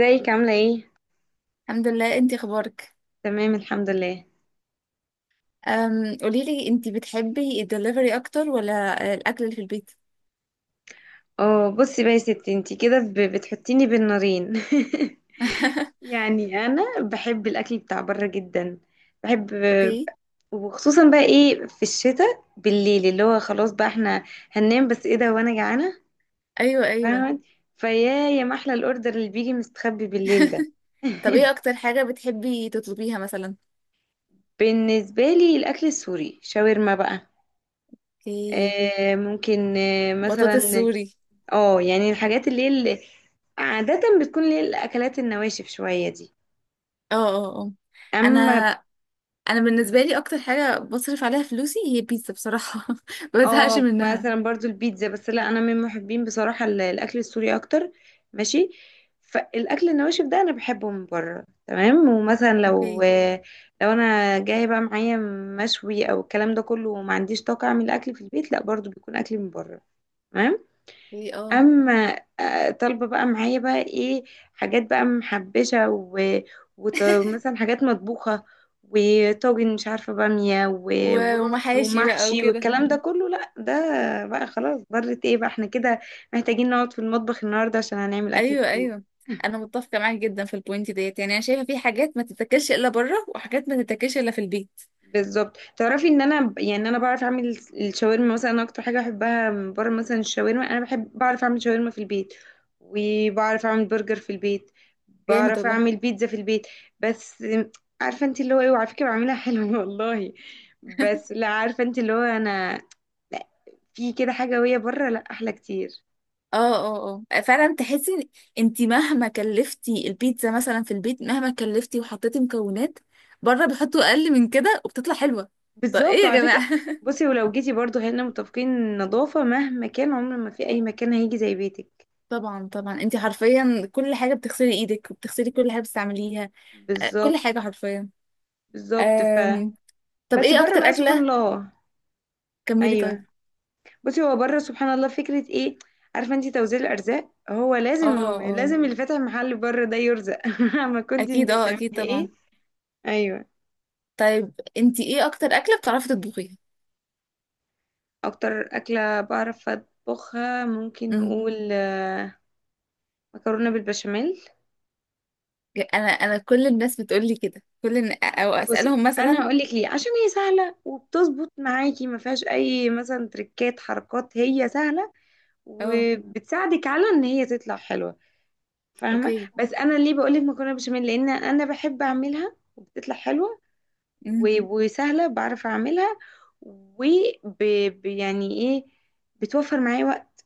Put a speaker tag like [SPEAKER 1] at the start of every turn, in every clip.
[SPEAKER 1] ازيك عاملة ايه؟
[SPEAKER 2] الحمد لله، انتي اخبارك؟
[SPEAKER 1] تمام الحمد لله.
[SPEAKER 2] قوليلي انتي بتحبي الدليفري اكتر ولا الاكل اللي في البيت؟
[SPEAKER 1] اه بصي بقى يا ستي انتي كده بتحطيني بين نارين يعني انا بحب الاكل بتاع بره جدا، بحب.
[SPEAKER 2] اوكي.
[SPEAKER 1] وخصوصا بقى ايه في الشتاء بالليل اللي هو خلاص بقى احنا هننام، بس ايه ده وانا جعانة،
[SPEAKER 2] ايوه، ايوه.
[SPEAKER 1] فاهمة؟ فيا يا محلى الاوردر اللي بيجي مستخبي بالليل ده
[SPEAKER 2] طب ايه اكتر حاجه بتحبي تطلبيها مثلا؟
[SPEAKER 1] بالنسبة لي الاكل السوري، شاورما بقى،
[SPEAKER 2] اوكي.
[SPEAKER 1] آه ممكن آه
[SPEAKER 2] بطاطس
[SPEAKER 1] مثلا.
[SPEAKER 2] سوري.
[SPEAKER 1] اه يعني الحاجات اللي هي اللي عادة بتكون اللي هي الأكلات النواشف شوية دي.
[SPEAKER 2] اه، اه، اه. انا
[SPEAKER 1] أما
[SPEAKER 2] انا بالنسبه لي اكتر حاجه بصرف عليها فلوسي هي بيتزا بصراحه. ما بزهقش
[SPEAKER 1] اه
[SPEAKER 2] منها.
[SPEAKER 1] مثلا برضو البيتزا، بس لا أنا من محبين بصراحة الأكل السوري أكتر، ماشي. فالأكل النواشف ده أنا بحبه من بره تمام. ومثلا لو
[SPEAKER 2] اوكي.
[SPEAKER 1] لو أنا جاية بقى معايا مشوي أو الكلام ده كله وما عنديش طاقة أعمل أكل في البيت، لا برضو بيكون أكل من بره، تمام.
[SPEAKER 2] اوكي، اه.
[SPEAKER 1] اما آه، طالبه بقى معايا بقى ايه، حاجات بقى محبشه و... مثلا حاجات مطبوخه وطاجن، مش عارفه، باميه و... ورز
[SPEAKER 2] ومحاشي بقى
[SPEAKER 1] ومحشي
[SPEAKER 2] وكده.
[SPEAKER 1] والكلام ده كله، لا ده بقى خلاص، ضرت ايه بقى احنا كده محتاجين نقعد في المطبخ النهارده عشان هنعمل اكل
[SPEAKER 2] ايوه،
[SPEAKER 1] كتير.
[SPEAKER 2] ايوه، انا متفقه معاك جدا في البوينت ديت، يعني انا شايفه في حاجات ما تتاكلش الا بره وحاجات ما تتاكلش الا في البيت.
[SPEAKER 1] بالظبط، تعرفي ان انا يعني انا بعرف اعمل الشاورما، مثلا انا اكتر حاجه بحبها من بره مثلا الشاورما، انا بحب، بعرف اعمل شاورما في البيت، وبعرف اعمل برجر في البيت،
[SPEAKER 2] جامد
[SPEAKER 1] بعرف
[SPEAKER 2] والله.
[SPEAKER 1] اعمل بيتزا في البيت. بس عارفه انت اللي هو ايه، وعلى فكره بعملها حلو والله، بس لا عارفه انت اللي هو انا، لا، في كده حاجه وهي بره لا احلى كتير.
[SPEAKER 2] اه، اه، اه، فعلا تحسي. انت مهما كلفتي البيتزا مثلا في البيت، مهما كلفتي وحطيتي مكونات، بره بيحطوا اقل من كده وبتطلع حلوه. طب ايه
[SPEAKER 1] بالظبط،
[SPEAKER 2] يا
[SPEAKER 1] وعلى فكره،
[SPEAKER 2] جماعه؟
[SPEAKER 1] بصي ولو جيتي برضو هنا متفقين إن النظافه مهما كان عمر ما في اي مكان هيجي زي بيتك.
[SPEAKER 2] طبعا، طبعا، انت حرفيا كل حاجه بتغسلي ايدك وبتغسلي كل حاجه بتستعمليها. كل
[SPEAKER 1] بالظبط،
[SPEAKER 2] حاجه حرفيا.
[SPEAKER 1] بالظبط، ف
[SPEAKER 2] آم، طب
[SPEAKER 1] بس
[SPEAKER 2] ايه
[SPEAKER 1] بره
[SPEAKER 2] اكتر
[SPEAKER 1] بقى سبحان
[SPEAKER 2] اكله.
[SPEAKER 1] الله.
[SPEAKER 2] كملي طيب.
[SPEAKER 1] ايوه، بصي هو بره سبحان الله فكره ايه، عارفه انت توزيع الارزاق، هو
[SPEAKER 2] اه،
[SPEAKER 1] لازم
[SPEAKER 2] اه،
[SPEAKER 1] لازم اللي فاتح محل بره ده يرزق ما كنت
[SPEAKER 2] اكيد،
[SPEAKER 1] انت
[SPEAKER 2] اه
[SPEAKER 1] بتعملي
[SPEAKER 2] اكيد طبعا.
[SPEAKER 1] ايه. ايوه،
[SPEAKER 2] طيب انتي ايه اكتر اكله بتعرفي تطبخيها؟
[SPEAKER 1] اكتر اكله بعرف اطبخها ممكن
[SPEAKER 2] امم
[SPEAKER 1] نقول آه، مكرونه بالبشاميل.
[SPEAKER 2] انا كل الناس بتقول لي كده، او
[SPEAKER 1] بصي
[SPEAKER 2] اسالهم
[SPEAKER 1] انا
[SPEAKER 2] مثلا.
[SPEAKER 1] هقول لك ليه، عشان هي سهله وبتظبط معاكي، ما فيهاش اي مثلا تريكات حركات، هي سهله
[SPEAKER 2] اه.
[SPEAKER 1] وبتساعدك على ان هي تطلع حلوه، فاهمه؟
[SPEAKER 2] اوكي.
[SPEAKER 1] بس انا ليه بقول لك مكرونه بشاميل، لان انا بحب اعملها وبتطلع حلوه
[SPEAKER 2] امم
[SPEAKER 1] وسهله بعرف اعملها. و يعني ايه، بتوفر معايا وقت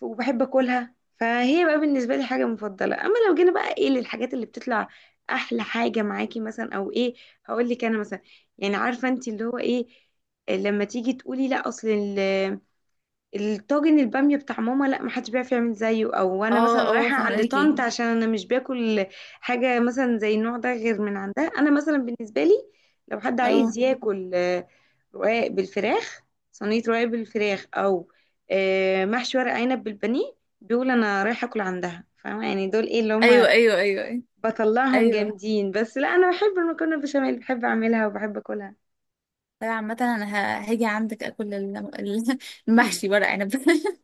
[SPEAKER 1] وبحب اكلها، فهي بقى بالنسبه لي حاجه مفضله. اما لو جينا بقى ايه للحاجات اللي بتطلع احلى حاجه معاكي مثلا او ايه، هقول لك انا مثلا، يعني عارفه انت اللي هو ايه، لما تيجي تقولي لا اصل الطاجن البامية بتاع ماما لا محدش بيعرف يعمل زيه، او انا
[SPEAKER 2] اه،
[SPEAKER 1] مثلا
[SPEAKER 2] اه
[SPEAKER 1] رايحة عند
[SPEAKER 2] فهماكي.
[SPEAKER 1] طنط عشان انا مش باكل حاجة مثلا زي النوع ده غير من عندها. انا مثلا بالنسبة لي لو حد
[SPEAKER 2] اه.
[SPEAKER 1] عايز ياكل آه، رقاق بالفراخ، صينية رقاق بالفراخ، او آه، محشي ورق عنب بالبانيه، بيقول انا رايحة اكل عندها، فاهمة؟ يعني دول ايه اللي هما
[SPEAKER 2] ايوه، ايوه، ايوه، ايوه،
[SPEAKER 1] بطلعهم
[SPEAKER 2] ايوه.
[SPEAKER 1] جامدين. بس لا انا بحب المكرونة بشاميل، بحب اعملها وبحب اكلها.
[SPEAKER 2] طيب عامه انا هاجي عندك اكل المحشي ورق عنب.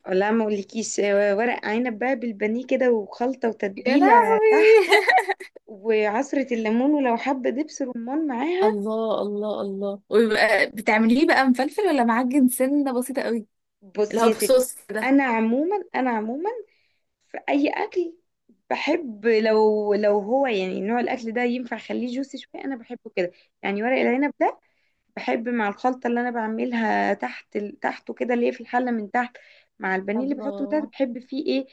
[SPEAKER 1] لا ما اقولكيش آه، ورق عنب بقى بالبانيه كده وخلطة
[SPEAKER 2] يا
[SPEAKER 1] وتتبيلة
[SPEAKER 2] لهوي.
[SPEAKER 1] تحته وعصرة الليمون ولو حبة دبس رمان معاها.
[SPEAKER 2] الله، الله، الله، ويبقى بتعمليه بقى مفلفل ولا معجن سنه بسيطه قوي؟ اللي
[SPEAKER 1] بصي
[SPEAKER 2] هو
[SPEAKER 1] يا ستي،
[SPEAKER 2] بصوص ده.
[SPEAKER 1] انا عموما في اي اكل بحب لو هو يعني نوع الاكل ده ينفع اخليه جوسي شويه، انا بحبه كده. يعني ورق العنب ده بحب مع الخلطه اللي انا بعملها تحت تحته كده اللي هي في الحله من تحت، مع البانيه اللي بحطه من تحت،
[SPEAKER 2] الله.
[SPEAKER 1] بحب فيه ايه،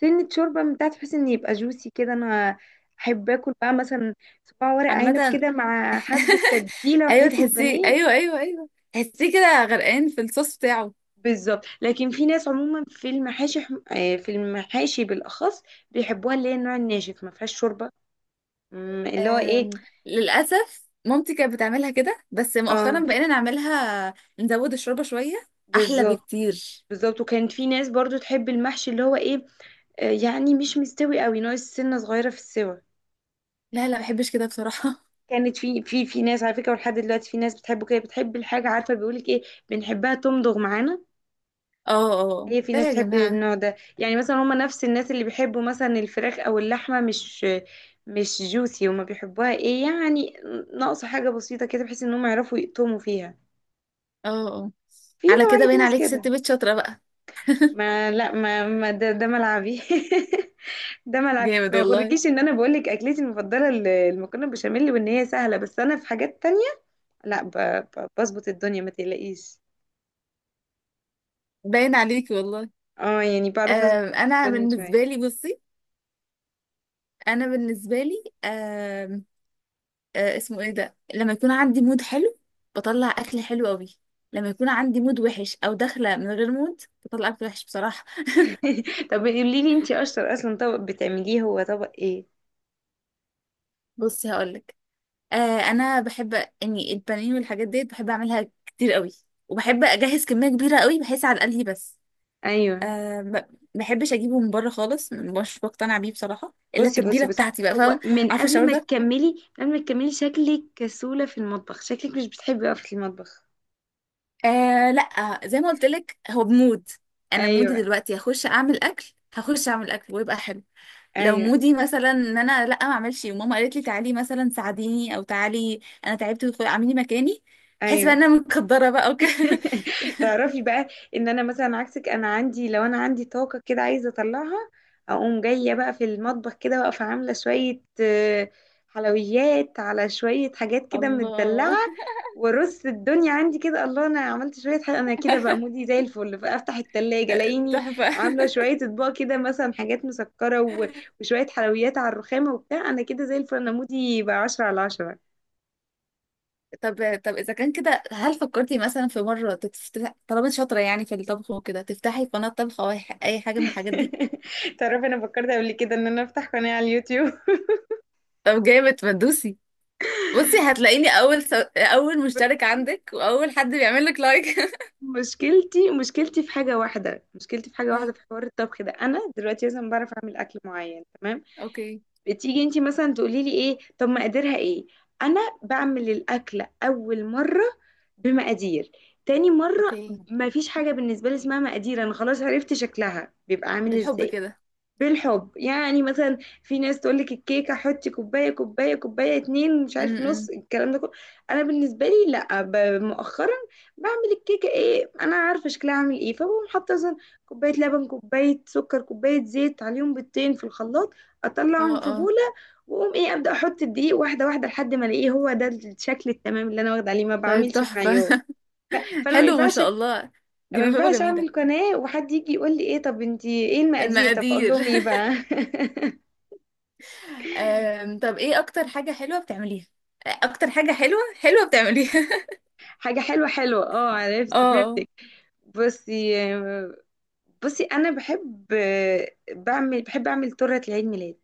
[SPEAKER 1] سنه شوربه من تحت بحيث ان يبقى جوسي كده. انا احب اكل بقى مثلا صباع ورق عنب
[SPEAKER 2] عامة،
[SPEAKER 1] كده مع حبه تتبيله
[SPEAKER 2] ايوه
[SPEAKER 1] وحته
[SPEAKER 2] تحسيه،
[SPEAKER 1] بانيه.
[SPEAKER 2] ايوه، ايوه، ايوه، تحسيه كده غرقان في الصوص بتاعه.
[SPEAKER 1] بالظبط، لكن في ناس عموما في المحاشي آه، في المحاشي بالاخص بيحبوها اللي هي النوع الناشف، ما فيهاش شوربه، مم، اللي هو ايه.
[SPEAKER 2] أم... للاسف مامتي كانت بتعملها كده، بس
[SPEAKER 1] اه
[SPEAKER 2] مؤخرا بقينا نعملها نزود الشوربه شويه. احلى
[SPEAKER 1] بالظبط،
[SPEAKER 2] بكتير.
[SPEAKER 1] بالظبط. وكانت في ناس برضو تحب المحشي اللي هو ايه، آه، يعني مش مستوي قوي، ناقص سنه صغيره في السوى.
[SPEAKER 2] لا، لا، ما بحبش كده بصراحه.
[SPEAKER 1] كانت في ناس على فكره، ولحد دلوقتي في ناس بتحبه كده، بتحب الحاجه، عارفه بيقولك ايه، بنحبها تمضغ معانا.
[SPEAKER 2] اه، اه،
[SPEAKER 1] هي في
[SPEAKER 2] ده
[SPEAKER 1] ناس
[SPEAKER 2] يا
[SPEAKER 1] بتحب
[SPEAKER 2] جماعه.
[SPEAKER 1] النوع ده، يعني مثلا هما نفس الناس اللي بيحبوا مثلا الفراخ او اللحمه مش مش جوسي، وما بيحبوها ايه يعني، ناقصه حاجه بسيطه كده بحيث ان هم يعرفوا يقطموا فيها.
[SPEAKER 2] اه، اه، آه.
[SPEAKER 1] في
[SPEAKER 2] على كده
[SPEAKER 1] نوعيه
[SPEAKER 2] باين
[SPEAKER 1] ناس
[SPEAKER 2] عليك ست
[SPEAKER 1] كده.
[SPEAKER 2] بيت شاطره بقى.
[SPEAKER 1] ما لا ما, ما ده, ده ملعبي ده ملعبي،
[SPEAKER 2] جامد
[SPEAKER 1] ما
[SPEAKER 2] والله.
[SPEAKER 1] يغركيش ان انا بقول لك اكلتي المفضله المكرونه بالبشاميل وان هي سهله، بس انا في حاجات تانية. لا بظبط الدنيا ما تقلقيش،
[SPEAKER 2] باين عليك والله.
[SPEAKER 1] اه يعني بعرف اظبط
[SPEAKER 2] انا
[SPEAKER 1] الدنيا شويه.
[SPEAKER 2] بالنسبه لي بصي، انا بالنسبه لي، اسمه ايه ده، لما يكون عندي مود حلو بطلع اكل حلو قوي. لما يكون عندي مود وحش او داخله من غير مود بطلع اكل وحش بصراحه.
[SPEAKER 1] طب قولي لي انتي اشطر اصلا طبق بتعمليه هو طبق ايه؟
[SPEAKER 2] بصي هقولك. آه انا بحب اني البانيه والحاجات ديت بحب اعملها كتير قوي، وبحب اجهز كميه كبيره قوي بحيث على الاقل هي بس.
[SPEAKER 1] ايوه،
[SPEAKER 2] ما بحبش اجيبه من بره خالص، مش بقتنع بيه بصراحه، الا
[SPEAKER 1] بصي بصي
[SPEAKER 2] التتبيله
[SPEAKER 1] بصي
[SPEAKER 2] بتاعتي بقى،
[SPEAKER 1] هو
[SPEAKER 2] فاهم.
[SPEAKER 1] من
[SPEAKER 2] عارفه
[SPEAKER 1] قبل
[SPEAKER 2] الشعور
[SPEAKER 1] ما
[SPEAKER 2] ده.
[SPEAKER 1] تكملي، من قبل ما تكملي شكلك كسولة في المطبخ، شكلك مش بتحبي وقفة المطبخ.
[SPEAKER 2] آه لا، زي ما قلت لك هو بمود. انا مودي
[SPEAKER 1] ايوه
[SPEAKER 2] دلوقتي هخش اعمل اكل، هخش اعمل اكل ويبقى حلو. لو
[SPEAKER 1] ايوه
[SPEAKER 2] مودي مثلا ان انا لا ما اعملش، وماما قالت لي تعالي مثلا ساعديني او تعالي انا تعبت اعملي مكاني، بحس بقى
[SPEAKER 1] ايوه
[SPEAKER 2] ان انا متقدره بقى وكده.
[SPEAKER 1] تعرفي بقى ان انا مثلا عكسك انا عندي لو انا عندي طاقة كده عايزة اطلعها اقوم جاية بقى في المطبخ كده واقفة عاملة شوية آه، حلويات على شوية حاجات كده متدلعة
[SPEAKER 2] الله،
[SPEAKER 1] وارص الدنيا عندي كده الله انا عملت شوية حاجة انا كده بقى مودي زي الفل فافتح التلاجة الاقيني
[SPEAKER 2] تحفه.
[SPEAKER 1] عاملة شوية اطباق كده مثلا حاجات مسكرة و- وشوية حلويات على الرخامة وبتاع، انا كده زي الفل، انا مودي بقى عشرة على عشرة.
[SPEAKER 2] طب اذا كان كده، هل فكرتي مثلا في مره تفتح طالما انت شاطره يعني في الطبخ وكده تفتحي قناه طبخ او أي حاجه من الحاجات دي؟
[SPEAKER 1] تعرفي انا فكرت قبل كده ان انا افتح قناة على اليوتيوب
[SPEAKER 2] طب جامد، ما تدوسي. بصي هتلاقيني اول مشترك عندك واول حد بيعمل لك لايك.
[SPEAKER 1] مشكلتي في حاجة واحدة، مشكلتي في حاجة واحدة
[SPEAKER 2] اه.
[SPEAKER 1] في حوار الطبخ ده، أنا دلوقتي مثلا بعرف أعمل أكل معين تمام،
[SPEAKER 2] اوكي.
[SPEAKER 1] بتيجي أنتي مثلا تقولي لي إيه طب مقاديرها إيه، أنا بعمل الأكلة أول مرة بمقادير، تاني مرة
[SPEAKER 2] اوكي.
[SPEAKER 1] مفيش حاجة بالنسبة لي اسمها مقادير، أنا خلاص عرفت شكلها بيبقى عامل
[SPEAKER 2] بالحب
[SPEAKER 1] إزاي.
[SPEAKER 2] كده.
[SPEAKER 1] بالحب، يعني مثلا في ناس تقول لك الكيكه حطي كوبايه كوبايه كوبايه اتنين مش
[SPEAKER 2] م-
[SPEAKER 1] عارف نص
[SPEAKER 2] م.
[SPEAKER 1] الكلام ده كله، انا بالنسبه لي لا مؤخرا بعمل الكيكه ايه، انا عارفه شكلها عامل ايه، فبقوم حاطه مثلا كوبايه لبن كوبايه سكر كوبايه زيت عليهم بيضتين في الخلاط،
[SPEAKER 2] اه،
[SPEAKER 1] اطلعهم في
[SPEAKER 2] اه.
[SPEAKER 1] بوله، واقوم ايه ابدا احط الدقيق واحده واحده لحد ما الاقيه هو ده الشكل التمام اللي انا واخده عليه، ما
[SPEAKER 2] طيب
[SPEAKER 1] بعملش
[SPEAKER 2] تحفة.
[SPEAKER 1] بمعيار. فانا ما
[SPEAKER 2] حلو ما
[SPEAKER 1] ينفعش،
[SPEAKER 2] شاء الله، دي
[SPEAKER 1] ما
[SPEAKER 2] موهبة
[SPEAKER 1] ينفعش
[SPEAKER 2] جميلة.
[SPEAKER 1] اعمل قناه وحد يجي يقول لي ايه طب انتي ايه المقادير، طب اقول
[SPEAKER 2] المقادير.
[SPEAKER 1] لهم ايه بقى
[SPEAKER 2] طب ايه اكتر حاجة حلوة بتعمليها؟ اكتر حاجة حلوة حلوة بتعمليها؟
[SPEAKER 1] حاجة حلوة حلوة، اه عرفت
[SPEAKER 2] اه، اه.
[SPEAKER 1] فهمتك. بصي بصي انا بحب، بعمل، بحب اعمل تورته لعيد ميلاد،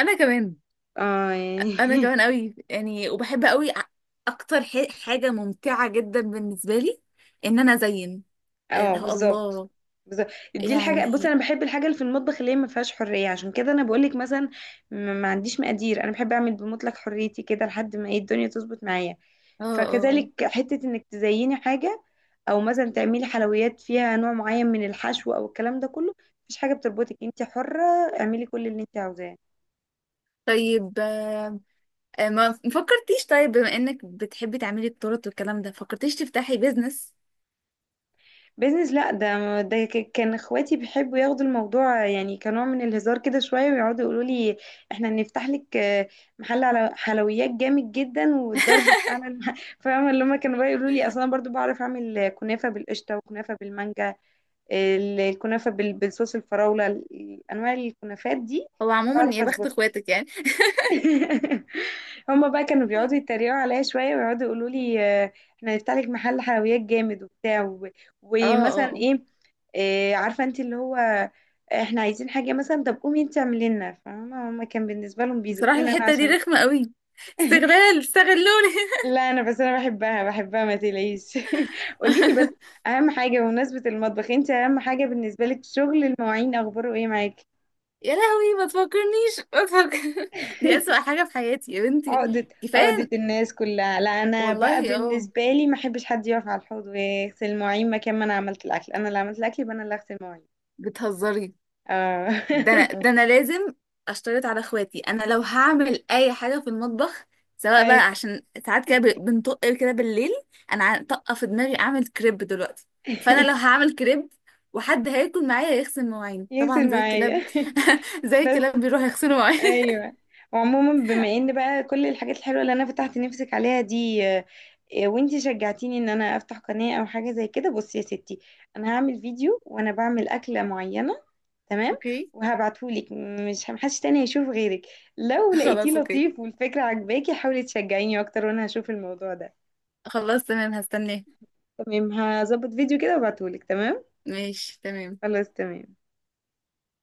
[SPEAKER 2] انا كمان،
[SPEAKER 1] اه يعني
[SPEAKER 2] انا كمان قوي يعني، وبحب قوي اكتر حاجة ممتعة جدا بالنسبة لي ان انا ازين،
[SPEAKER 1] اه
[SPEAKER 2] اللي هو
[SPEAKER 1] بالظبط،
[SPEAKER 2] الله،
[SPEAKER 1] بالظبط، دي الحاجه، بص انا
[SPEAKER 2] يعني.
[SPEAKER 1] بحب الحاجه اللي في المطبخ اللي هي ما فيهاش حريه، عشان كده انا بقول لك مثلا ما عنديش مقادير، انا بحب اعمل بمطلق حريتي كده لحد ما ايه الدنيا تظبط معايا.
[SPEAKER 2] اه، اه، آه.
[SPEAKER 1] فكذلك حته انك تزيني حاجه، او مثلا تعملي حلويات فيها نوع معين من الحشو او الكلام ده كله، مفيش حاجه بتربطك، انت حره، اعملي كل اللي انت عاوزاه.
[SPEAKER 2] طيب ما فكرتيش؟ طيب بما انك بتحبي تعملي التورت والكلام ده، فكرتيش تفتحي بيزنس؟
[SPEAKER 1] بيزنس، لا ده كان اخواتي بيحبوا ياخدوا الموضوع يعني كنوع من الهزار كده شويه، ويقعدوا يقولوا لي احنا هنفتح لك آه، محل على حلويات جامد جدا، والضرب في اعلى فاهمه اللي هم كانوا بقى يقولوا لي. اصلا برضو بعرف اعمل كنافه بالقشطه وكنافه بالمانجا، الكنافه بالصوص الفراوله، انواع الكنافات دي
[SPEAKER 2] هو عموما
[SPEAKER 1] بعرف
[SPEAKER 2] يا بخت
[SPEAKER 1] اظبطها
[SPEAKER 2] اخواتك يعني.
[SPEAKER 1] هما بقى كانوا بيقعدوا يتريقوا عليا شويه ويقعدوا يقولوا لي آه، احنا هنفتح لك محل حلويات جامد وبتاع
[SPEAKER 2] اه، اه،
[SPEAKER 1] ومثلا
[SPEAKER 2] آه.
[SPEAKER 1] ايه آه، عارفه انت اللي هو "آه، احنا عايزين حاجه مثلا طب قومي انت اعملي لنا"، فاهمه؟ هما كان بالنسبه لهم
[SPEAKER 2] بصراحة
[SPEAKER 1] بيزقونا انا،
[SPEAKER 2] الحتة دي
[SPEAKER 1] عشان،
[SPEAKER 2] رخمة قوي، استغلال، استغلوني.
[SPEAKER 1] لا انا بس انا بحبها، بحبها ما تقلقيش قولي لي بس، اهم حاجه بمناسبه المطبخ انت، اهم حاجه بالنسبه لك شغل المواعين، اخباره ايه معاكي؟
[SPEAKER 2] يا لهوي ما تفكرنيش، ما تفكر دي أسوأ حاجة في حياتي يا بنتي.
[SPEAKER 1] عقدة،
[SPEAKER 2] كفاية.
[SPEAKER 1] عقدة الناس كلها. لا انا
[SPEAKER 2] والله،
[SPEAKER 1] بقى
[SPEAKER 2] اه.
[SPEAKER 1] بالنسبة لي ما احبش حد يقف على الحوض ويغسل مواعين مكان ما انا عملت الاكل، انا اللي عملت الاكل يبقى انا اللي هغسل مواعين.
[SPEAKER 2] بتهزري؟
[SPEAKER 1] اه
[SPEAKER 2] ده أنا لازم أشترط على إخواتي، أنا لو هعمل أي حاجة في المطبخ، سواء بقى
[SPEAKER 1] ايوه،
[SPEAKER 2] عشان ساعات كده بنطق كده بالليل أنا طاقة في دماغي أعمل كريب دلوقتي. فأنا لو هعمل كريب وحد هياكل معايا يغسل مواعين
[SPEAKER 1] يغسل
[SPEAKER 2] طبعا زي الكلاب،
[SPEAKER 1] معايا
[SPEAKER 2] زي
[SPEAKER 1] بس.
[SPEAKER 2] الكلاب بيروح يغسلوا مواعين.
[SPEAKER 1] ايوه وعموما، بما ان بقى كل الحاجات الحلوه اللي انا فتحت نفسك عليها دي آه، آه، وانتي شجعتيني ان انا افتح قناه او حاجه زي كده، بصي يا ستي انا هعمل فيديو وانا بعمل اكله معينه تمام،
[SPEAKER 2] اوكي.
[SPEAKER 1] وهبعتهولك، مش محدش تاني هيشوف غيرك. لو لقيتيه
[SPEAKER 2] خلاص أوكي.
[SPEAKER 1] لطيف والفكره عجباكي حاولي تشجعيني اكتر وانا هشوف الموضوع ده.
[SPEAKER 2] خلاص تمام، هستناه.
[SPEAKER 1] تمام، هظبط فيديو كده وابعتهولك. تمام،
[SPEAKER 2] ماشي، تمام.
[SPEAKER 1] خلاص تمام.